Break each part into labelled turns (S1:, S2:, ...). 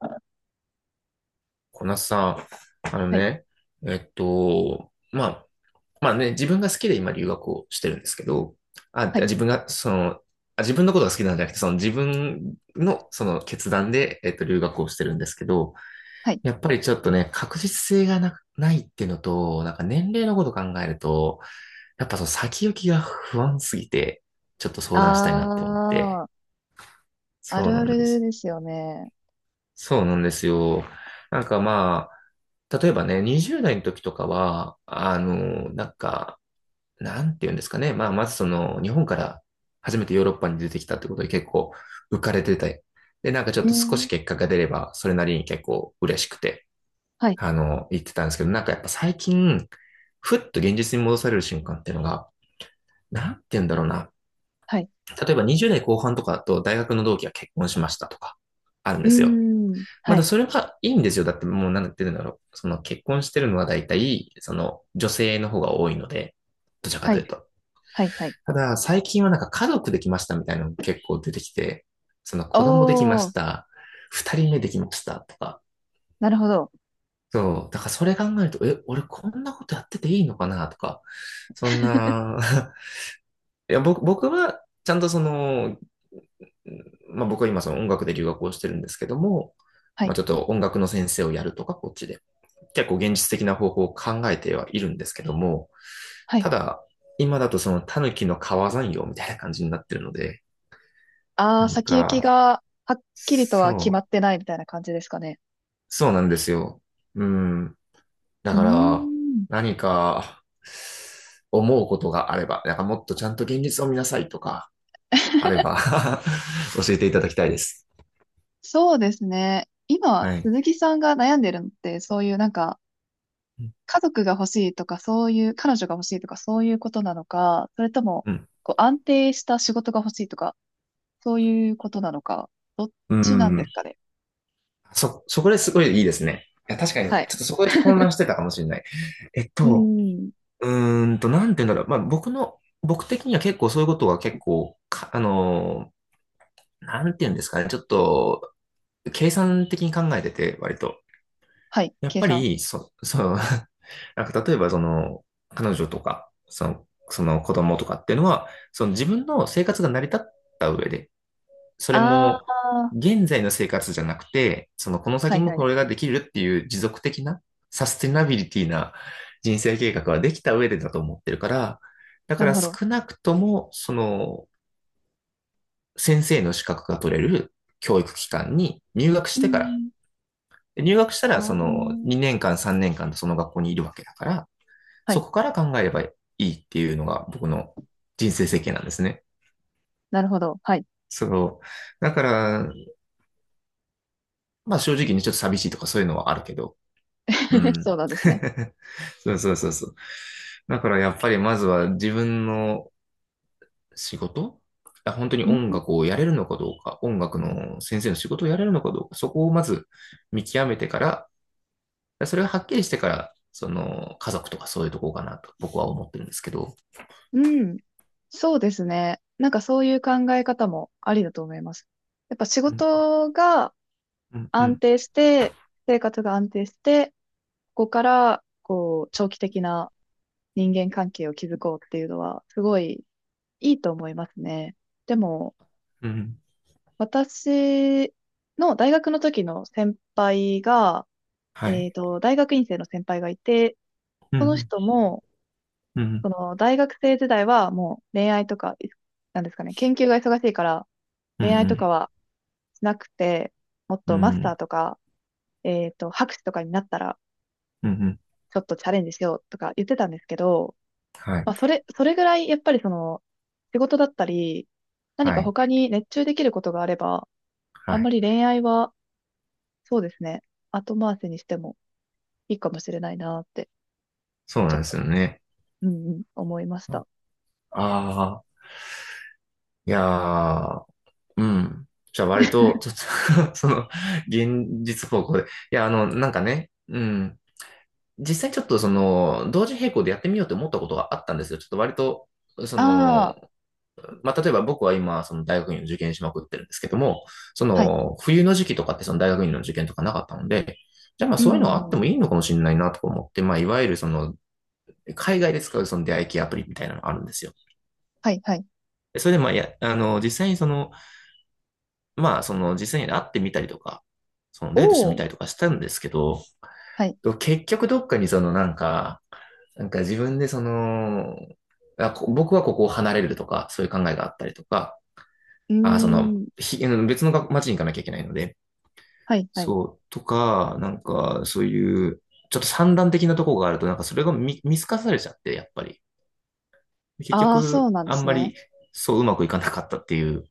S1: はい、
S2: こなさん、あのね、えっと、まあ、まあね、自分が好きで今留学をしてるんですけど、あ、
S1: はい、
S2: 自分が、その、あ、自分のことが好きなんじゃなくて、その自分のその決断で、留学をしてるんですけど、
S1: はい。
S2: やっぱりちょっとね、確実性がないっていうのと、なんか年齢のこと考えると、やっぱその先行きが不安すぎて、ちょっと相
S1: あ
S2: 談したいなって思って。
S1: ー、あ
S2: そう
S1: る
S2: な
S1: あ
S2: んで
S1: る
S2: す。
S1: ですよね。
S2: そうなんですよ。なんかまあ、例えばね、20代の時とかは、あの、なんか、なんて言うんですかね。まあ、まずその、日本から初めてヨーロッパに出てきたってことで結構浮かれてて、で、なんかちょっ
S1: う
S2: と少し
S1: ん、
S2: 結果が出れば、それなりに結構嬉しくて、
S1: はい、
S2: あの、言ってたんですけど、なんかやっぱ最近、ふっと現実に戻される瞬間っていうのが、なんて言うんだろうな。
S1: はい。
S2: 例えば20代後半とかだと大学の同期が結婚しましたとか、あるん
S1: う
S2: で
S1: ー
S2: すよ。
S1: ん、
S2: ま
S1: は
S2: だ
S1: い、
S2: それはいいんですよ。だってもうなんて言うんだろう。その結婚してるのは大体、その女性の方が多いので、どちらか
S1: は
S2: とい
S1: い、
S2: うと。
S1: はい、はい。
S2: ただ、最近はなんか家族できましたみたいなの結構出てきて、その
S1: お
S2: 子供できまし
S1: ー、
S2: た、二人目できましたとか。
S1: なるほど。
S2: そう。だからそれ考えると、え、俺こんなことやってていいのかなとか、そん な、いや、僕はちゃんとそのまあ僕は今その音楽で留学をしてるんですけども、
S1: は
S2: まあ
S1: い、
S2: ちょっと音楽の先生をやるとか、こっちで。結構現実的な方法を考えてはいるんですけども、
S1: は
S2: た
S1: い。
S2: だ、今だとそのタヌキの川山用みたいな感じになってるので、
S1: あ
S2: な
S1: ー、
S2: ん
S1: 先行き
S2: か、
S1: がはっきりとは決ま
S2: そ
S1: っ
S2: う、
S1: てないみたいな感じですかね。
S2: そうなんですよ。うん。だ
S1: うー
S2: から、
S1: ん。
S2: 何か、思うことがあれば、なんかもっとちゃんと現実を見なさいとか、あれば 教えていただきたいです。
S1: そうですね。今、
S2: はい。
S1: 鈴木さんが悩んでるのって、そういうなんか、家族が欲しいとか、そういう、彼女が欲しいとか、そういうことなのか、それとも、
S2: うん。
S1: こう、安定した仕事が欲しいとか、そういうことなのか、どっ
S2: う
S1: ちなんで
S2: ん。
S1: すかね。
S2: そこですごいいいですね。いや、確かに、ちょ
S1: はい。
S2: っとそこで混乱してたかもしれない。えっ
S1: う
S2: と、
S1: ん。
S2: うーんと、なんて言うんだろう。まあ、僕の、僕的には結構そういうことは結構、かあのー、なんて言うんですかね。ちょっと、計算的に考えてて、割と。
S1: はい、
S2: やっ
S1: 計
S2: ぱ
S1: 算。
S2: り、そう、なんか例えば、その、彼女とか、その、その子供とかっていうのは、その自分の生活が成り立った上で、それ
S1: あ
S2: も、
S1: あ、
S2: 現在の生活じゃなくて、そのこの
S1: は
S2: 先
S1: い
S2: も
S1: はい。
S2: これができるっていう持続的な、サステナビリティな人生計画はできた上でだと思ってるから、だか
S1: なる
S2: ら
S1: ほど。
S2: 少なくとも、その、先生の資格が取れる教育機関に入学し
S1: う
S2: てから、
S1: ん。
S2: 入学した
S1: あ
S2: らその2
S1: あ、
S2: 年間3年間その学校にいるわけだから、
S1: は
S2: そ
S1: い。
S2: こから考えればいいっていうのが僕の人生設計なんですね。
S1: なるほど。はい。
S2: そう。だから、まあ正直にちょっと寂しいとかそういうのはあるけど、う ん。
S1: そうなんですね。
S2: そうそうそうそう。だからやっぱりまずは自分の仕事あ本当に
S1: うん。
S2: 音楽をやれるのかどうか、音楽の先生の仕事をやれるのかどうか、そこをまず見極めてから、それがはっきりしてから、その家族とかそういうとこかなと僕は思ってるんですけど。
S1: うん。そうですね。なんかそういう考え方もありだと思います。やっぱ仕
S2: うん、
S1: 事が
S2: うん、う
S1: 安
S2: ん、
S1: 定して、生活が安定して、こからこう長期的な人間関係を築こうっていうのはすごいいいと思いますね。でも
S2: うん。
S1: 私の大学の時の先輩が、
S2: はい。
S1: 大学院生の先輩がいて、
S2: う
S1: その
S2: ん、
S1: 人も
S2: うん、
S1: その大学生時代はもう恋愛とか、なんですかね、研究が忙しいから
S2: うん、
S1: 恋愛
S2: う
S1: とか
S2: ん、
S1: はしなくて、もっ
S2: うん、
S1: とマス
S2: う
S1: ター
S2: ん、
S1: とか、博士とかになったら
S2: うん。うん
S1: ちょっとチャレンジしようとか言ってたんですけど、
S2: はい。
S1: まあ、それぐらい、やっぱりその、仕事だったり、何
S2: は
S1: か
S2: い。
S1: 他に熱中できることがあれば、
S2: は
S1: あんま
S2: い。
S1: り恋愛は、そうですね、後回しにしてもいいかもしれないなって、
S2: そう
S1: ち
S2: な
S1: ょっ
S2: んです
S1: と、
S2: よね。
S1: うんうん、思いました。
S2: ああ、いやー。うん。じゃあ割と、ちょっと その、現実方向で。いや、あの、なんかね、うん。実際ちょっとその、同時並行でやってみようと思ったことがあったんですよ。ちょっと割と、その、
S1: ああ、
S2: まあ、例えば僕は今、その大学院を受験しまくってるんですけども、そ
S1: はい、
S2: の、冬の時期とかってその大学院の受験とかなかったので、じゃあまあ
S1: う
S2: そういうのはあって
S1: ん、
S2: もいいのかもしれないなとか思って、まあいわゆるその、海外で使うその出会い系アプリみたいなのがあるんですよ。
S1: はい、はい。
S2: でそれでまあ、いや、あの、実際にその、まあ、その実際に会ってみたりとか、その
S1: お
S2: デートしてみ
S1: お、
S2: たりとかしたんですけど、
S1: はい、
S2: 結局どっかにそのなんか、なんか自分でその、あこ僕はここを離れるとか、そういう考えがあったりとか、
S1: うー
S2: あその、
S1: ん、
S2: 別の街に行かなきゃいけないので、
S1: はい、はい。
S2: そう、とか、なんか、そういう、ちょっと散乱的なところがあると、なんかそれが見透かされちゃって、やっぱり。結
S1: ああ、そう
S2: 局、
S1: なんで
S2: あん
S1: す
S2: ま
S1: ね。
S2: り、そううまくいかなかったっていう、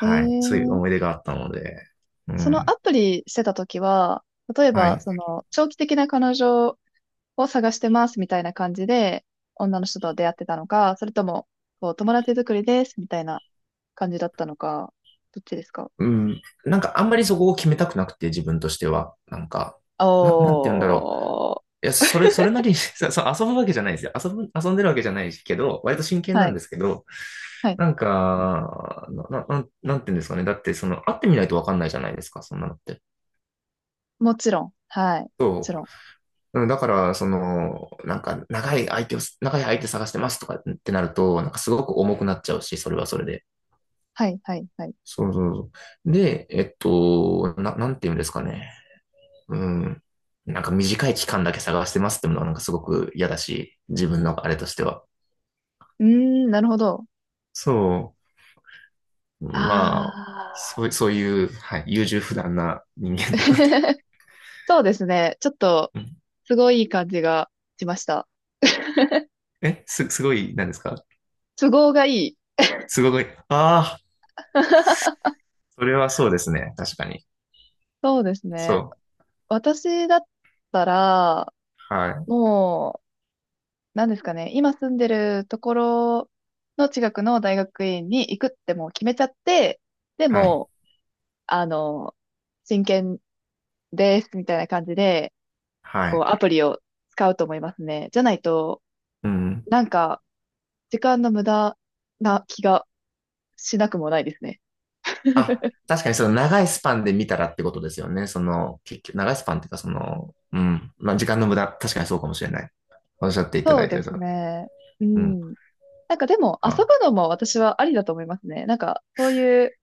S1: え
S2: い、そういう
S1: え、
S2: 思い出があったので、う
S1: その
S2: ん、
S1: アプリしてた時は、例え
S2: は
S1: ば、
S2: い。
S1: その、長期的な彼女を探してますみたいな感じで、女の人と出会ってたのか、それとも、こう、友達作りですみたいな感じだったのか、どっちですか？
S2: うん。なんかあんまりそこを決めたくなくて、自分としては。なんか、なんて言うんだろう。
S1: おー。
S2: いや、それ、それなりに そう遊ぶわけじゃないですよ。遊んでるわけじゃないけど、割と真剣な
S1: は
S2: ん
S1: い、
S2: ですけど、
S1: はい。
S2: なんか、なんなんて言うんですかね。だって、その、会ってみないとわかんないじゃないですか、そんなのって。
S1: もちろん。はい。もち
S2: そ
S1: ろん。
S2: う。うんだから、その、なんか、長い相手探してますとかってなると、なんかすごく重くなっちゃうし、それはそれで。
S1: はい、はい、はい。
S2: そうそうそう。で、なんて言うんですかね。うん。なんか短い期間だけ探してますってものはなんかすごく嫌だし、自分のあれとしては。
S1: うーん、なるほど。
S2: そう。まあ、そ
S1: あ
S2: う、そういう、はい、優柔不断な人
S1: ー。
S2: 間なので。
S1: そうですね。ちょっと、
S2: うん
S1: すごいいい感じがしました。
S2: え、すごい、何ですか
S1: 都合がいい。
S2: すごい、ああ、それはそうですね。確かに。
S1: そうです
S2: そ
S1: ね。
S2: う。
S1: 私だったら、
S2: はい、
S1: もう、なんですかね、今住んでるところの近くの大学院に行くってもう決めちゃって、で
S2: はい、
S1: も、あの、真剣ですみたいな感じで、
S2: は
S1: こう、
S2: い。
S1: アプリを使うと思いますね。じゃないと、
S2: うん。
S1: なんか、時間の無駄な気がしなくもないですね。
S2: あ、確かにその長いスパンで見たらってことですよね。その、結局、長いスパンっていうか、その、うん。まあ、時間の無駄、確かにそうかもしれない。おっしゃっていただ
S1: そう
S2: いて
S1: で
S2: る
S1: す
S2: と。
S1: ね。う
S2: うん。
S1: ん。なんかでも、遊ぶ
S2: は。
S1: のも私はありだと思いますね。なんか、そういう、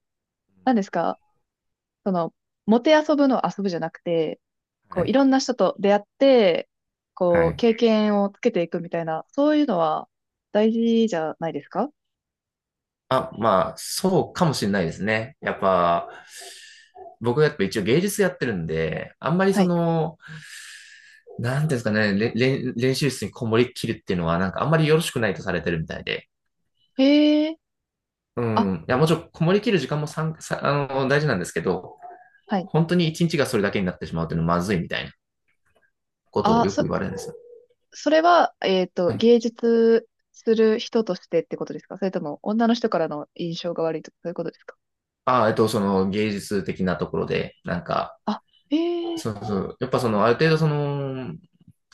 S1: なんですか、その、もて遊ぶの遊ぶじゃなくて、こ
S2: は
S1: う、い
S2: い。
S1: ろんな人と出会って、こ
S2: は
S1: う、
S2: い。
S1: 経験をつけていくみたいな、そういうのは大事じゃないですか？
S2: あ、まあ、そうかもしれないですね。やっぱ、僕やっぱ一応芸術やってるんで、あんまり
S1: は
S2: そ
S1: い。
S2: の、なんていうんですかね、れれん練習室にこもりきるっていうのは、なんかあんまりよろしくないとされてるみたいで。
S1: へえ、
S2: う
S1: あ、
S2: ん。いや、もちろんこもりきる時間もさん、さ、あの、大事なんですけど、
S1: はい。
S2: 本当に一日がそれだけになってしまうっていうのはまずいみたいなことを
S1: あ、
S2: よく言われるんですよ。
S1: それは、
S2: はい。
S1: 芸術する人としてってことですか？それとも、女の人からの印象が悪いとか、そういうことですか？
S2: あ、その芸術的なところで、なんか、
S1: あ、へえ、
S2: そうそう。やっぱその、ある程度その、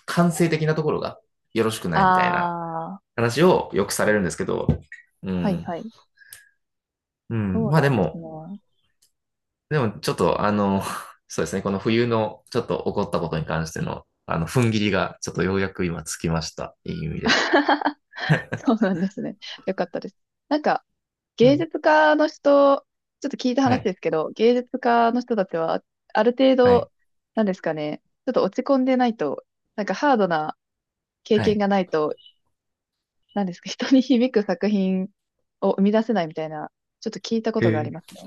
S2: 感性的なところがよろしくないみたいな
S1: ああ、
S2: 話をよくされるんですけど、う
S1: はい
S2: ん。
S1: はい。
S2: うん。
S1: そうなんですね。
S2: でもちょっとあの、そうですね、この冬のちょっと起こったことに関しての、あの、踏ん切りがちょっとようやく今つきました。いい意味で。
S1: そうなんですね。よかったです。なんか、
S2: う
S1: 芸
S2: ん。
S1: 術家の人、ちょっと聞いた
S2: は
S1: 話
S2: い。
S1: ですけど、芸術家の人たちは、ある程
S2: はい。
S1: 度、なんですかね、ちょっと落ち込んでないと、なんかハードな経
S2: は
S1: 験
S2: い。
S1: がないと、なんですか、人に響く作品を生み出せないみたいな、ちょっと聞いたこ
S2: へ
S1: とがあり
S2: え。
S1: ますね。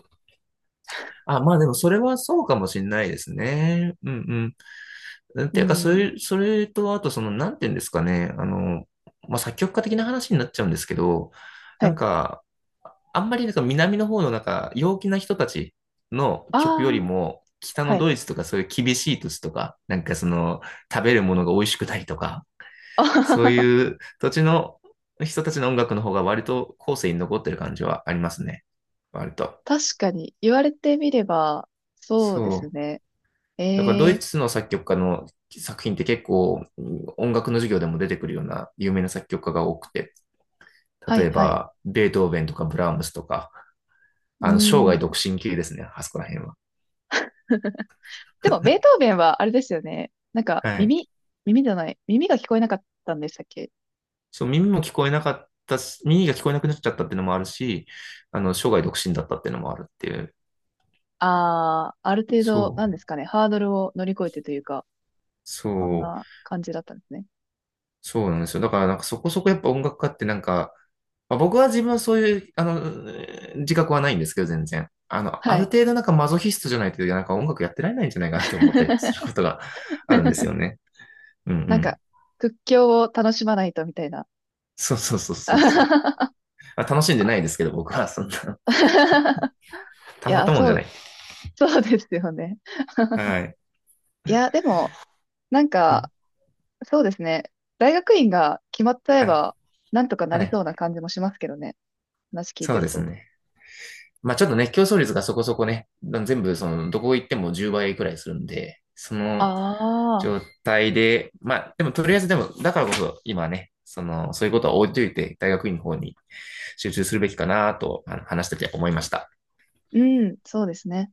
S2: あ、まあでもそれはそうかもしれないですね。うんうん。
S1: う
S2: ていうか、
S1: ん。
S2: それとあとその、なんていうんですかね。あの、まあ作曲家的な話になっちゃうんですけど、
S1: は
S2: なん
S1: い。
S2: か、あんまりなんか南の方のなんか陽気な人たちの
S1: あ
S2: 曲より
S1: あ、
S2: も、北
S1: は
S2: の
S1: い。
S2: ドイツと かそういう厳しい土地とか、なんかその食べるものが美味しくないとか、
S1: あは
S2: そう
S1: はは。
S2: いう土地の人たちの音楽の方が割と後世に残ってる感じはありますね。割と。
S1: 確かに、言われてみれば、そうで
S2: そ
S1: す
S2: う。
S1: ね。
S2: だからド
S1: え
S2: イ
S1: え、
S2: ツの作曲家の作品って結構音楽の授業でも出てくるような有名な作曲家が多くて、
S1: は
S2: 例
S1: い、
S2: え
S1: はい。
S2: ばベートーベンとかブラームスとか、
S1: う
S2: あの生涯独
S1: ん。
S2: 身級ですね、あそこら辺は。
S1: でも、ベートーベンはあれですよね。なんか、
S2: はい。
S1: 耳、耳じゃない。耳が聞こえなかったんでしたっけ？
S2: そう、耳も聞こえなかったし、耳が聞こえなくなっちゃったっていうのもあるし、あの、生涯独身だったっていうのもあるっていう。
S1: ああー、ある程度、
S2: そ
S1: なん
S2: う、
S1: ですかね。ハードルを乗り越えてというか、そん
S2: そう、
S1: な感じだったんですね。
S2: そうなんですよ。だからなんかそこそこやっぱ音楽家ってなんか、まあ、僕は自分はそういう、あの、自覚はないんですけど、全然。あの、あ
S1: は
S2: る
S1: い。
S2: 程度なんかマゾヒストじゃないと、なんか音楽やってられないんじゃないかなって思ったりすること があるんですよね。うんう
S1: なんか、
S2: ん。
S1: 屈強を楽しまないとみたいな。
S2: そうそうそうそうそう。まあ、楽しんでないですけど、僕はそんな、
S1: い
S2: たまっ
S1: や、
S2: たもんじ
S1: そ
S2: ゃ
S1: う、
S2: ない。
S1: そうですよね。
S2: はい。
S1: いや、でも、なん
S2: う
S1: か、
S2: ん。
S1: そうですね。大学院が決まっちゃえ
S2: はい。
S1: ば、なんとかな
S2: は
S1: り
S2: い。
S1: そうな感じもしますけどね。話聞い
S2: そ
S1: て
S2: う
S1: る
S2: です
S1: と。
S2: ね。まあちょっとね、競争率がそこそこね、全部その、どこ行っても10倍くらいするんで、その
S1: あ
S2: 状
S1: あ。
S2: 態で、まあでもとりあえずでも、だからこそ今ね、その、そういうことは置いといて、大学院の方に集中するべきかなと、あの話してて思いました。
S1: うん、そうですね。